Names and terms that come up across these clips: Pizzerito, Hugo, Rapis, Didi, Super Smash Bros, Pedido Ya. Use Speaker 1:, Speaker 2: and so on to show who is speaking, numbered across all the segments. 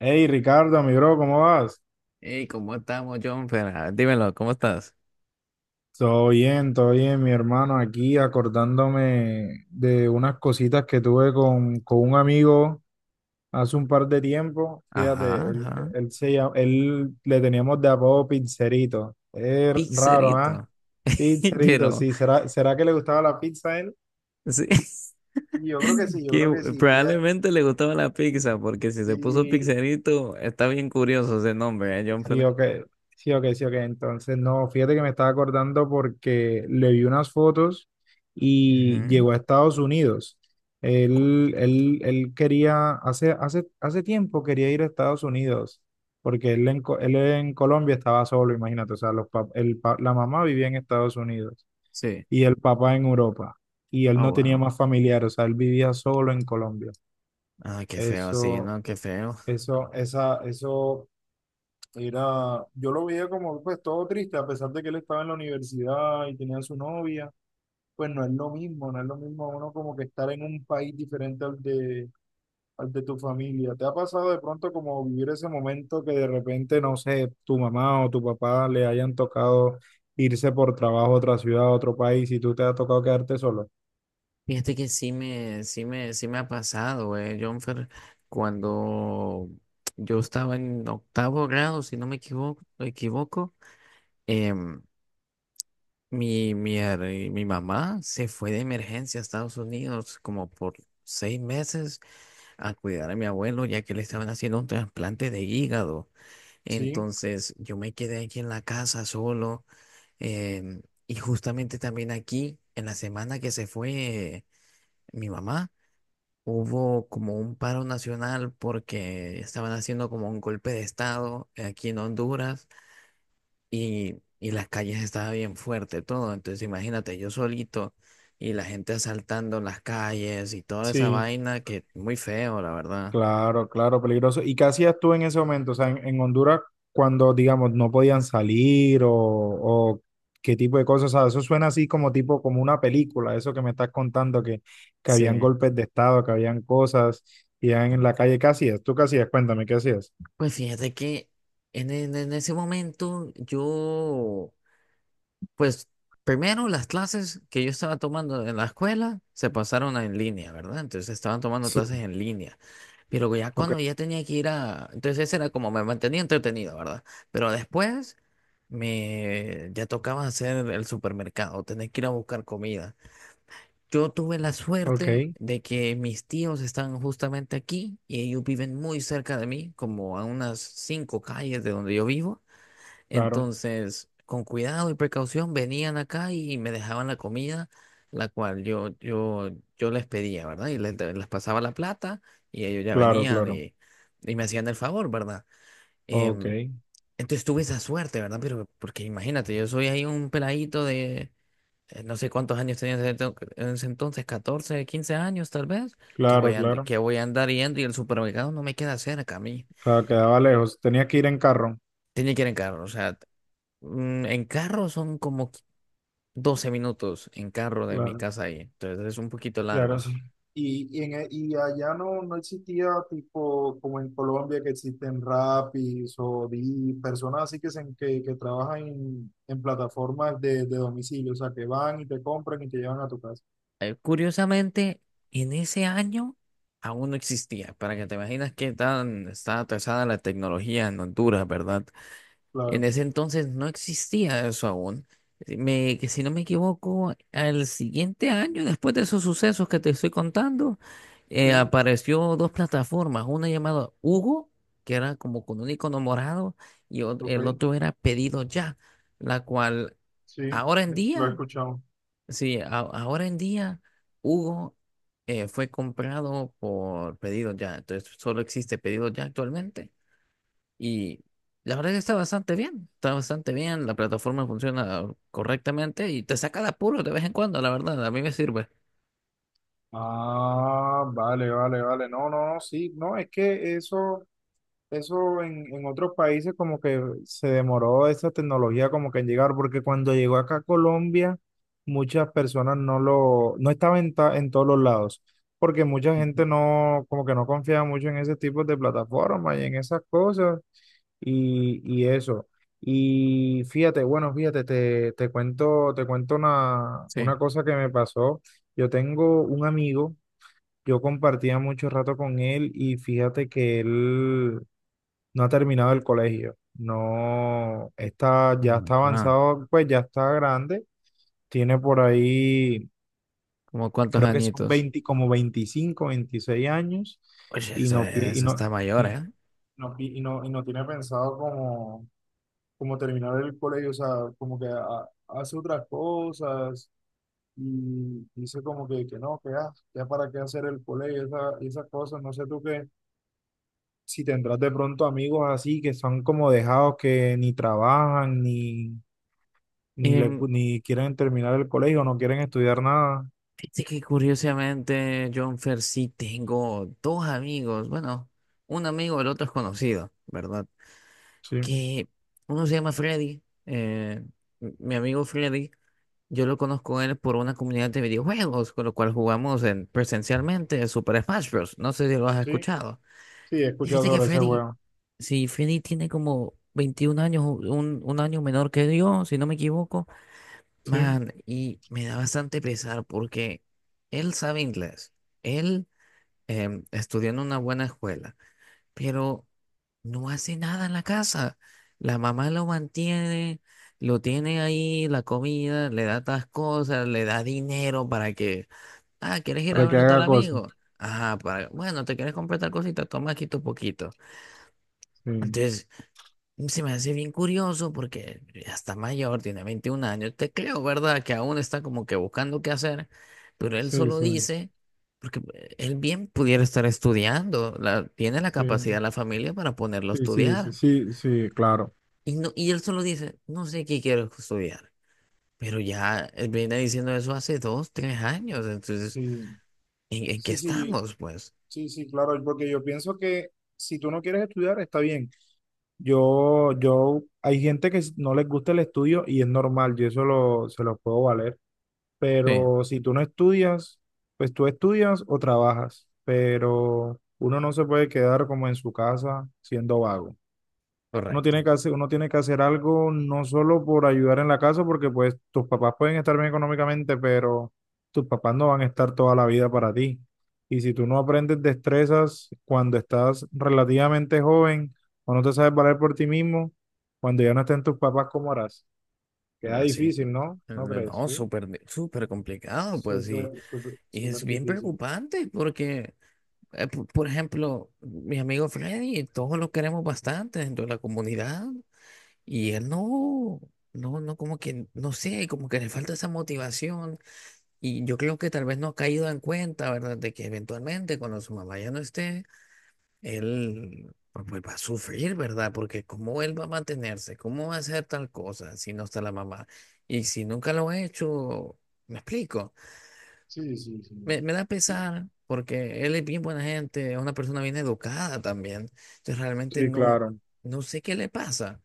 Speaker 1: Hey Ricardo, mi bro, ¿cómo vas?
Speaker 2: Hey, ¿cómo estamos, John? Pero, ah, dímelo, ¿cómo estás?
Speaker 1: Todo bien, mi hermano, aquí acordándome de unas cositas que tuve con un amigo hace un par de tiempo. Fíjate,
Speaker 2: Ajá,
Speaker 1: él,
Speaker 2: ajá.
Speaker 1: él se llama- él le teníamos de apodo Pizzerito. Es raro, ¿ah?
Speaker 2: Pizzerito.
Speaker 1: Pizzerito,
Speaker 2: Pero,
Speaker 1: sí. ¿Será que le gustaba la pizza a él?
Speaker 2: sí,
Speaker 1: Yo creo que sí, yo
Speaker 2: que
Speaker 1: creo que sí, fíjate.
Speaker 2: probablemente le gustaba la pizza, porque si se puso
Speaker 1: Sí,
Speaker 2: pizzerito, está bien curioso ese nombre, ¿eh, John?
Speaker 1: sí, ok, sí, ok, sí, ok. Entonces, no, fíjate que me estaba acordando porque le vi unas fotos y
Speaker 2: Ujú.
Speaker 1: llegó a Estados Unidos. Él quería, hace tiempo quería ir a Estados Unidos, porque él en Colombia estaba solo, imagínate. O sea, los, pap- el, pa- la mamá vivía en Estados Unidos
Speaker 2: Sí.
Speaker 1: y el papá en Europa. Y él
Speaker 2: Ah,
Speaker 1: no tenía
Speaker 2: bueno.
Speaker 1: más familiares, o sea, él vivía solo en Colombia.
Speaker 2: Ah, qué feo, sí,
Speaker 1: Eso,
Speaker 2: no, qué feo.
Speaker 1: eso. Yo lo veía como pues todo triste, a pesar de que él estaba en la universidad y tenía su novia, pues no es lo mismo, no es lo mismo uno como que estar en un país diferente al de tu familia. ¿Te ha pasado de pronto como vivir ese momento que de repente, no sé, tu mamá o tu papá le hayan tocado irse por trabajo a otra ciudad, a otro país y tú te ha tocado quedarte solo?
Speaker 2: Fíjate que sí me ha pasado, güey, Jonfer, cuando yo estaba en octavo grado, si no me equivoco, equivoco, em, Mi, mi, her- mi mamá se fue de emergencia a Estados Unidos como por seis meses a cuidar a mi abuelo ya que le estaban haciendo un trasplante de hígado.
Speaker 1: Sí,
Speaker 2: Entonces yo me quedé aquí en la casa solo em, y justamente también aquí, en la semana que se fue mi mamá, hubo como un paro nacional porque estaban haciendo como un golpe de estado aquí en Honduras y las calles estaba bien fuerte todo. Entonces imagínate yo solito y la gente asaltando las calles y toda esa
Speaker 1: sí.
Speaker 2: vaina que muy feo, la verdad.
Speaker 1: Claro, claro, peligroso. ¿Y qué hacías tú en ese momento? O sea, en Honduras, cuando, digamos, no podían salir o qué tipo de cosas. O sea, eso suena así como tipo, como una película, eso que me estás contando, que habían
Speaker 2: Sí.
Speaker 1: golpes de estado, que habían cosas, y ya en la calle. ¿Qué hacías? ¿Tú qué hacías? Cuéntame, ¿qué hacías?
Speaker 2: Pues fíjate que en ese momento yo... Pues primero las clases que yo estaba tomando en la escuela se pasaron a en línea, ¿verdad? Entonces estaban tomando clases
Speaker 1: Sí.
Speaker 2: en línea. Pero ya
Speaker 1: Ok,
Speaker 2: cuando ya tenía que ir a... Entonces ese era como me mantenía entretenido, ¿verdad? Pero después me ya tocaba hacer el supermercado, tener que ir a buscar comida. Yo tuve la suerte
Speaker 1: ok,
Speaker 2: de que mis tíos están justamente aquí y ellos viven muy cerca de mí, como a unas cinco calles de donde yo vivo.
Speaker 1: claro,
Speaker 2: Entonces, con cuidado y precaución, venían acá y me dejaban la comida, la cual yo les pedía, ¿verdad? Y les pasaba la plata y ellos ya
Speaker 1: claro,
Speaker 2: venían
Speaker 1: claro.
Speaker 2: y me hacían el favor, ¿verdad?
Speaker 1: Ok,
Speaker 2: Em, entonces tuve esa suerte, ¿verdad? Pero porque imagínate, yo soy ahí un peladito de no sé cuántos años tenía en ese en ese entonces, 14 15 años tal vez,
Speaker 1: claro, claro.
Speaker 2: que voy a andar yendo y el supermercado no me queda cerca a mí.
Speaker 1: Claro, quedaba lejos. Tenías que ir en carro.
Speaker 2: Tenía que ir en carro, o sea, en carro son como 12 minutos en carro de mi
Speaker 1: Claro.
Speaker 2: casa ahí, entonces es un poquito
Speaker 1: Claro,
Speaker 2: largo.
Speaker 1: sí. Y allá no existía tipo como en Colombia, que existen Rapis o Didi, personas así que trabajan en plataformas de domicilio, o sea, que van y te compran y te llevan a tu casa.
Speaker 2: Curiosamente, en ese año aún no existía, para que te imaginas qué tan está atrasada la tecnología en Honduras, ¿verdad? En
Speaker 1: Claro,
Speaker 2: ese entonces no existía eso aún. Que si no me equivoco, al siguiente año, después de esos sucesos que te estoy contando,
Speaker 1: sí,
Speaker 2: apareció dos plataformas, una llamada Hugo, que era como con un icono morado, y
Speaker 1: ok,
Speaker 2: el otro era Pedido Ya, la cual
Speaker 1: sí,
Speaker 2: ahora en
Speaker 1: lo he
Speaker 2: día,
Speaker 1: escuchado.
Speaker 2: sí, ahora en día, Hugo fue comprado por Pedido Ya, entonces solo existe Pedido Ya actualmente. Y la verdad que está bastante bien, la plataforma funciona correctamente y te saca de apuro de vez en cuando, la verdad, a mí me sirve.
Speaker 1: Ah, vale, vale, vale. No, no, no, sí, no, es que eso. Eso en otros países como que se demoró esa tecnología como que en llegar, porque cuando llegó acá a Colombia, muchas personas no lo, no estaba en, ta- en todos los lados, porque mucha
Speaker 2: Ujú.
Speaker 1: gente no, como que no confiaba mucho en ese tipo de plataformas y en esas cosas y eso. Y fíjate, bueno, fíjate, te cuento una,
Speaker 2: Sí.
Speaker 1: una cosa que me pasó. Yo tengo un amigo, yo compartía mucho rato con él y fíjate que él no ha terminado el colegio, no está, ya está
Speaker 2: Ajá.
Speaker 1: avanzado, pues ya está grande, tiene por ahí,
Speaker 2: ¿Como cuántos
Speaker 1: creo que son
Speaker 2: añitos?
Speaker 1: 20 como 25 26 años
Speaker 2: Oye,
Speaker 1: y
Speaker 2: eso,
Speaker 1: no, pi- y
Speaker 2: eso está
Speaker 1: no,
Speaker 2: mayor,
Speaker 1: y
Speaker 2: ¿eh?
Speaker 1: y no tiene pensado como, como terminar el colegio, o sea, como que hace otras cosas y dice como que no, que ah, ya para qué hacer el colegio, esas cosas, no sé tú qué. Si tendrás de pronto amigos así que son como dejados que ni trabajan ni, ni, le,
Speaker 2: Em,
Speaker 1: ni quieren terminar el colegio, no quieren estudiar nada.
Speaker 2: fíjate que curiosamente, John Fer, sí tengo dos amigos, bueno, un amigo, el otro es conocido, ¿verdad?
Speaker 1: Sí,
Speaker 2: Que uno se llama Freddy, mi amigo Freddy. Yo lo conozco a él por una comunidad de videojuegos, con lo cual jugamos en, presencialmente Super Smash Bros. No sé si lo has
Speaker 1: sí,
Speaker 2: escuchado.
Speaker 1: sí, he
Speaker 2: Y
Speaker 1: escuchado
Speaker 2: fíjate que
Speaker 1: sobre ese
Speaker 2: Freddy,
Speaker 1: huevo.
Speaker 2: si Freddy tiene como 21 años, un año menor que yo, si no me equivoco,
Speaker 1: Sí,
Speaker 2: man, y me da bastante pesar porque él sabe inglés, él estudió en una buena escuela pero no hace nada en la casa. La mamá lo mantiene, lo tiene ahí, la comida, le da tas cosas, le da dinero para que, ah, ¿quieres ir a
Speaker 1: para que
Speaker 2: ver a tal
Speaker 1: haga cosas.
Speaker 2: amigo? Ajá, para, bueno, te quieres comprar tal cosita, toma aquí tu poquito.
Speaker 1: Sí,
Speaker 2: Entonces, se me hace bien curioso porque ya está mayor, tiene 21 años. Te creo, ¿verdad? Que aún está como que buscando qué hacer, pero él
Speaker 1: sí,
Speaker 2: solo
Speaker 1: sí,
Speaker 2: dice, porque él bien pudiera estar estudiando, la, tiene la capacidad
Speaker 1: sí,
Speaker 2: la familia para ponerlo a
Speaker 1: sí, sí, sí,
Speaker 2: estudiar.
Speaker 1: sí, sí, claro.
Speaker 2: Y, no, y él solo dice, no sé qué quiero estudiar, pero ya él viene diciendo eso hace dos, tres años. Entonces,
Speaker 1: Sí,
Speaker 2: en qué
Speaker 1: sí, sí,
Speaker 2: estamos, pues?
Speaker 1: sí, sí, claro, porque yo pienso que si tú no quieres estudiar, está bien. Hay gente que no les gusta el estudio y es normal, yo eso se lo puedo valer.
Speaker 2: Sí.
Speaker 1: Pero si tú no estudias, pues tú estudias o trabajas, pero uno no se puede quedar como en su casa siendo vago. Uno
Speaker 2: Correcto.
Speaker 1: tiene que hacer, uno tiene que hacer algo, no solo por ayudar en la casa, porque pues tus papás pueden estar bien económicamente, pero tus papás no van a estar toda la vida para ti. Y si tú no aprendes destrezas cuando estás relativamente joven o no te sabes valer por ti mismo, cuando ya no estén tus papás, ¿cómo harás? Queda
Speaker 2: Así.
Speaker 1: difícil, ¿no? ¿No crees?
Speaker 2: No,
Speaker 1: Sí.
Speaker 2: súper, súper complicado, pues
Speaker 1: Súper,
Speaker 2: sí.
Speaker 1: súper,
Speaker 2: Y es
Speaker 1: súper
Speaker 2: bien
Speaker 1: difícil.
Speaker 2: preocupante porque, por ejemplo, mi amigo Freddy, todos lo queremos bastante dentro de la comunidad y él no, no, no, como que, no sé, como que le falta esa motivación y yo creo que tal vez no ha caído en cuenta, ¿verdad? De que eventualmente cuando su mamá ya no esté, él pues, pues, va a sufrir, ¿verdad? Porque cómo él va a mantenerse, cómo va a hacer tal cosa si no está la mamá y si nunca lo ha hecho, ¿me explico?
Speaker 1: Sí, sí,
Speaker 2: Me,
Speaker 1: sí.
Speaker 2: me da
Speaker 1: Sí,
Speaker 2: pesar porque él es bien buena gente, es una persona bien educada también. Entonces realmente
Speaker 1: sí,
Speaker 2: no,
Speaker 1: claro.
Speaker 2: no sé qué le pasa.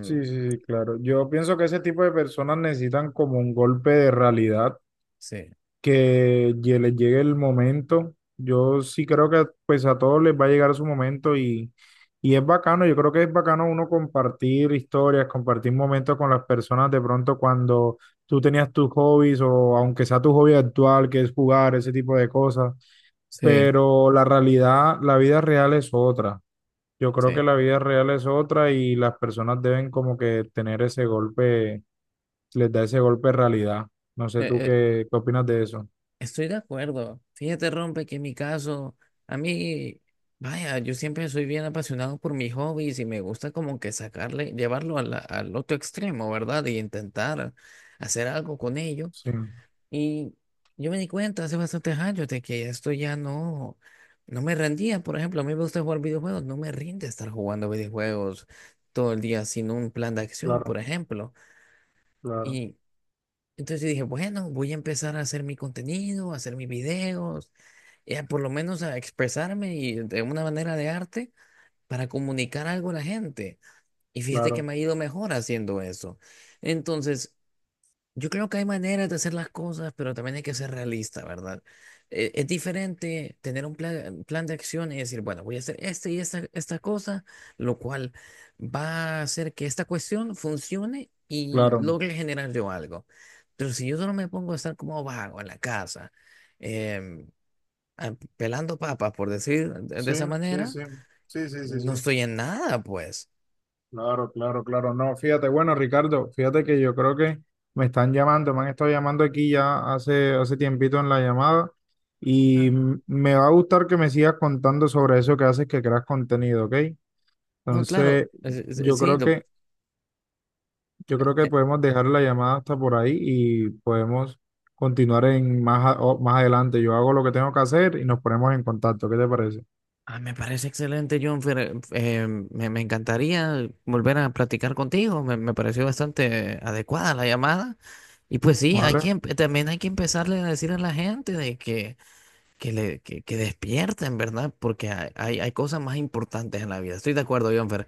Speaker 1: Sí, sí, sí, claro. Yo pienso que ese tipo de personas necesitan como un golpe de realidad,
Speaker 2: sí,
Speaker 1: que les llegue el momento. Yo sí creo que pues a todos les va a llegar su momento y es bacano. Yo creo que es bacano uno compartir historias, compartir momentos con las personas de pronto cuando tú tenías tus hobbies o aunque sea tu hobby actual, que es jugar, ese tipo de cosas.
Speaker 2: sí,
Speaker 1: Pero la realidad, la vida real es otra. Yo
Speaker 2: sí.
Speaker 1: creo que la vida real es otra y las personas deben como que tener ese golpe, les da ese golpe de realidad. No sé tú
Speaker 2: Eh,
Speaker 1: qué, opinas de eso.
Speaker 2: estoy de acuerdo. Fíjate, Rompe, que en mi caso, a mí, vaya, yo siempre soy bien apasionado por mis hobbies y me gusta como que sacarle, llevarlo a al otro extremo, ¿verdad? Y intentar hacer algo con ello.
Speaker 1: Sí,
Speaker 2: Y yo me di cuenta hace bastantes años de que esto ya no me rendía. Por ejemplo, a mí me gusta jugar videojuegos, no me rinde estar jugando videojuegos todo el día sin un plan de acción,
Speaker 1: claro,
Speaker 2: por ejemplo.
Speaker 1: claro,
Speaker 2: Y entonces yo dije, bueno, voy a empezar a hacer mi contenido, a hacer mis videos, y a por lo menos a expresarme y de una manera de arte para comunicar algo a la gente. Y fíjate que
Speaker 1: claro,
Speaker 2: me ha ido mejor haciendo eso. Entonces... Yo creo que hay maneras de hacer las cosas, pero también hay que ser realista, ¿verdad? Es diferente tener un plan de acción y decir, bueno, voy a hacer este y esta cosa, lo cual va a hacer que esta cuestión funcione y
Speaker 1: claro.
Speaker 2: logre generar yo algo. Pero si yo solo me pongo a estar como vago en la casa, em, pelando papas, por decir de
Speaker 1: Sí,
Speaker 2: esa
Speaker 1: sí,
Speaker 2: manera,
Speaker 1: sí, sí, sí, sí,
Speaker 2: no
Speaker 1: sí.
Speaker 2: estoy en nada, pues.
Speaker 1: Claro, claro, claro. No, fíjate, bueno, Ricardo, fíjate que yo creo que me están llamando, me han estado llamando aquí ya hace tiempito en la llamada y
Speaker 2: Ah.
Speaker 1: me va a gustar que me sigas contando sobre eso que haces, que creas contenido, ¿ok?
Speaker 2: No, claro,
Speaker 1: Entonces, yo
Speaker 2: sí,
Speaker 1: creo que, yo creo que
Speaker 2: eh,
Speaker 1: podemos dejar la llamada hasta por ahí y podemos continuar en más, a- o- más adelante. Yo hago lo que tengo que hacer y nos ponemos en contacto. ¿Qué te parece?
Speaker 2: Ah, me parece excelente, John. Me encantaría volver a platicar contigo. Me pareció bastante adecuada la llamada. Y pues sí,
Speaker 1: ¿Vale?
Speaker 2: también hay que empezarle a decir a la gente de que, que despierten, ¿verdad? Porque hay cosas más importantes en la vida. Estoy de acuerdo, John. Fer.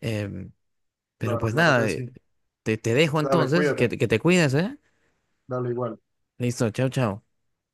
Speaker 2: Em, pero
Speaker 1: Claro,
Speaker 2: pues
Speaker 1: claro
Speaker 2: nada,
Speaker 1: que sí.
Speaker 2: te dejo
Speaker 1: Dale,
Speaker 2: entonces,
Speaker 1: cuídate.
Speaker 2: que te cuides, ¿eh?
Speaker 1: Dale igual.
Speaker 2: Listo, chao, chao.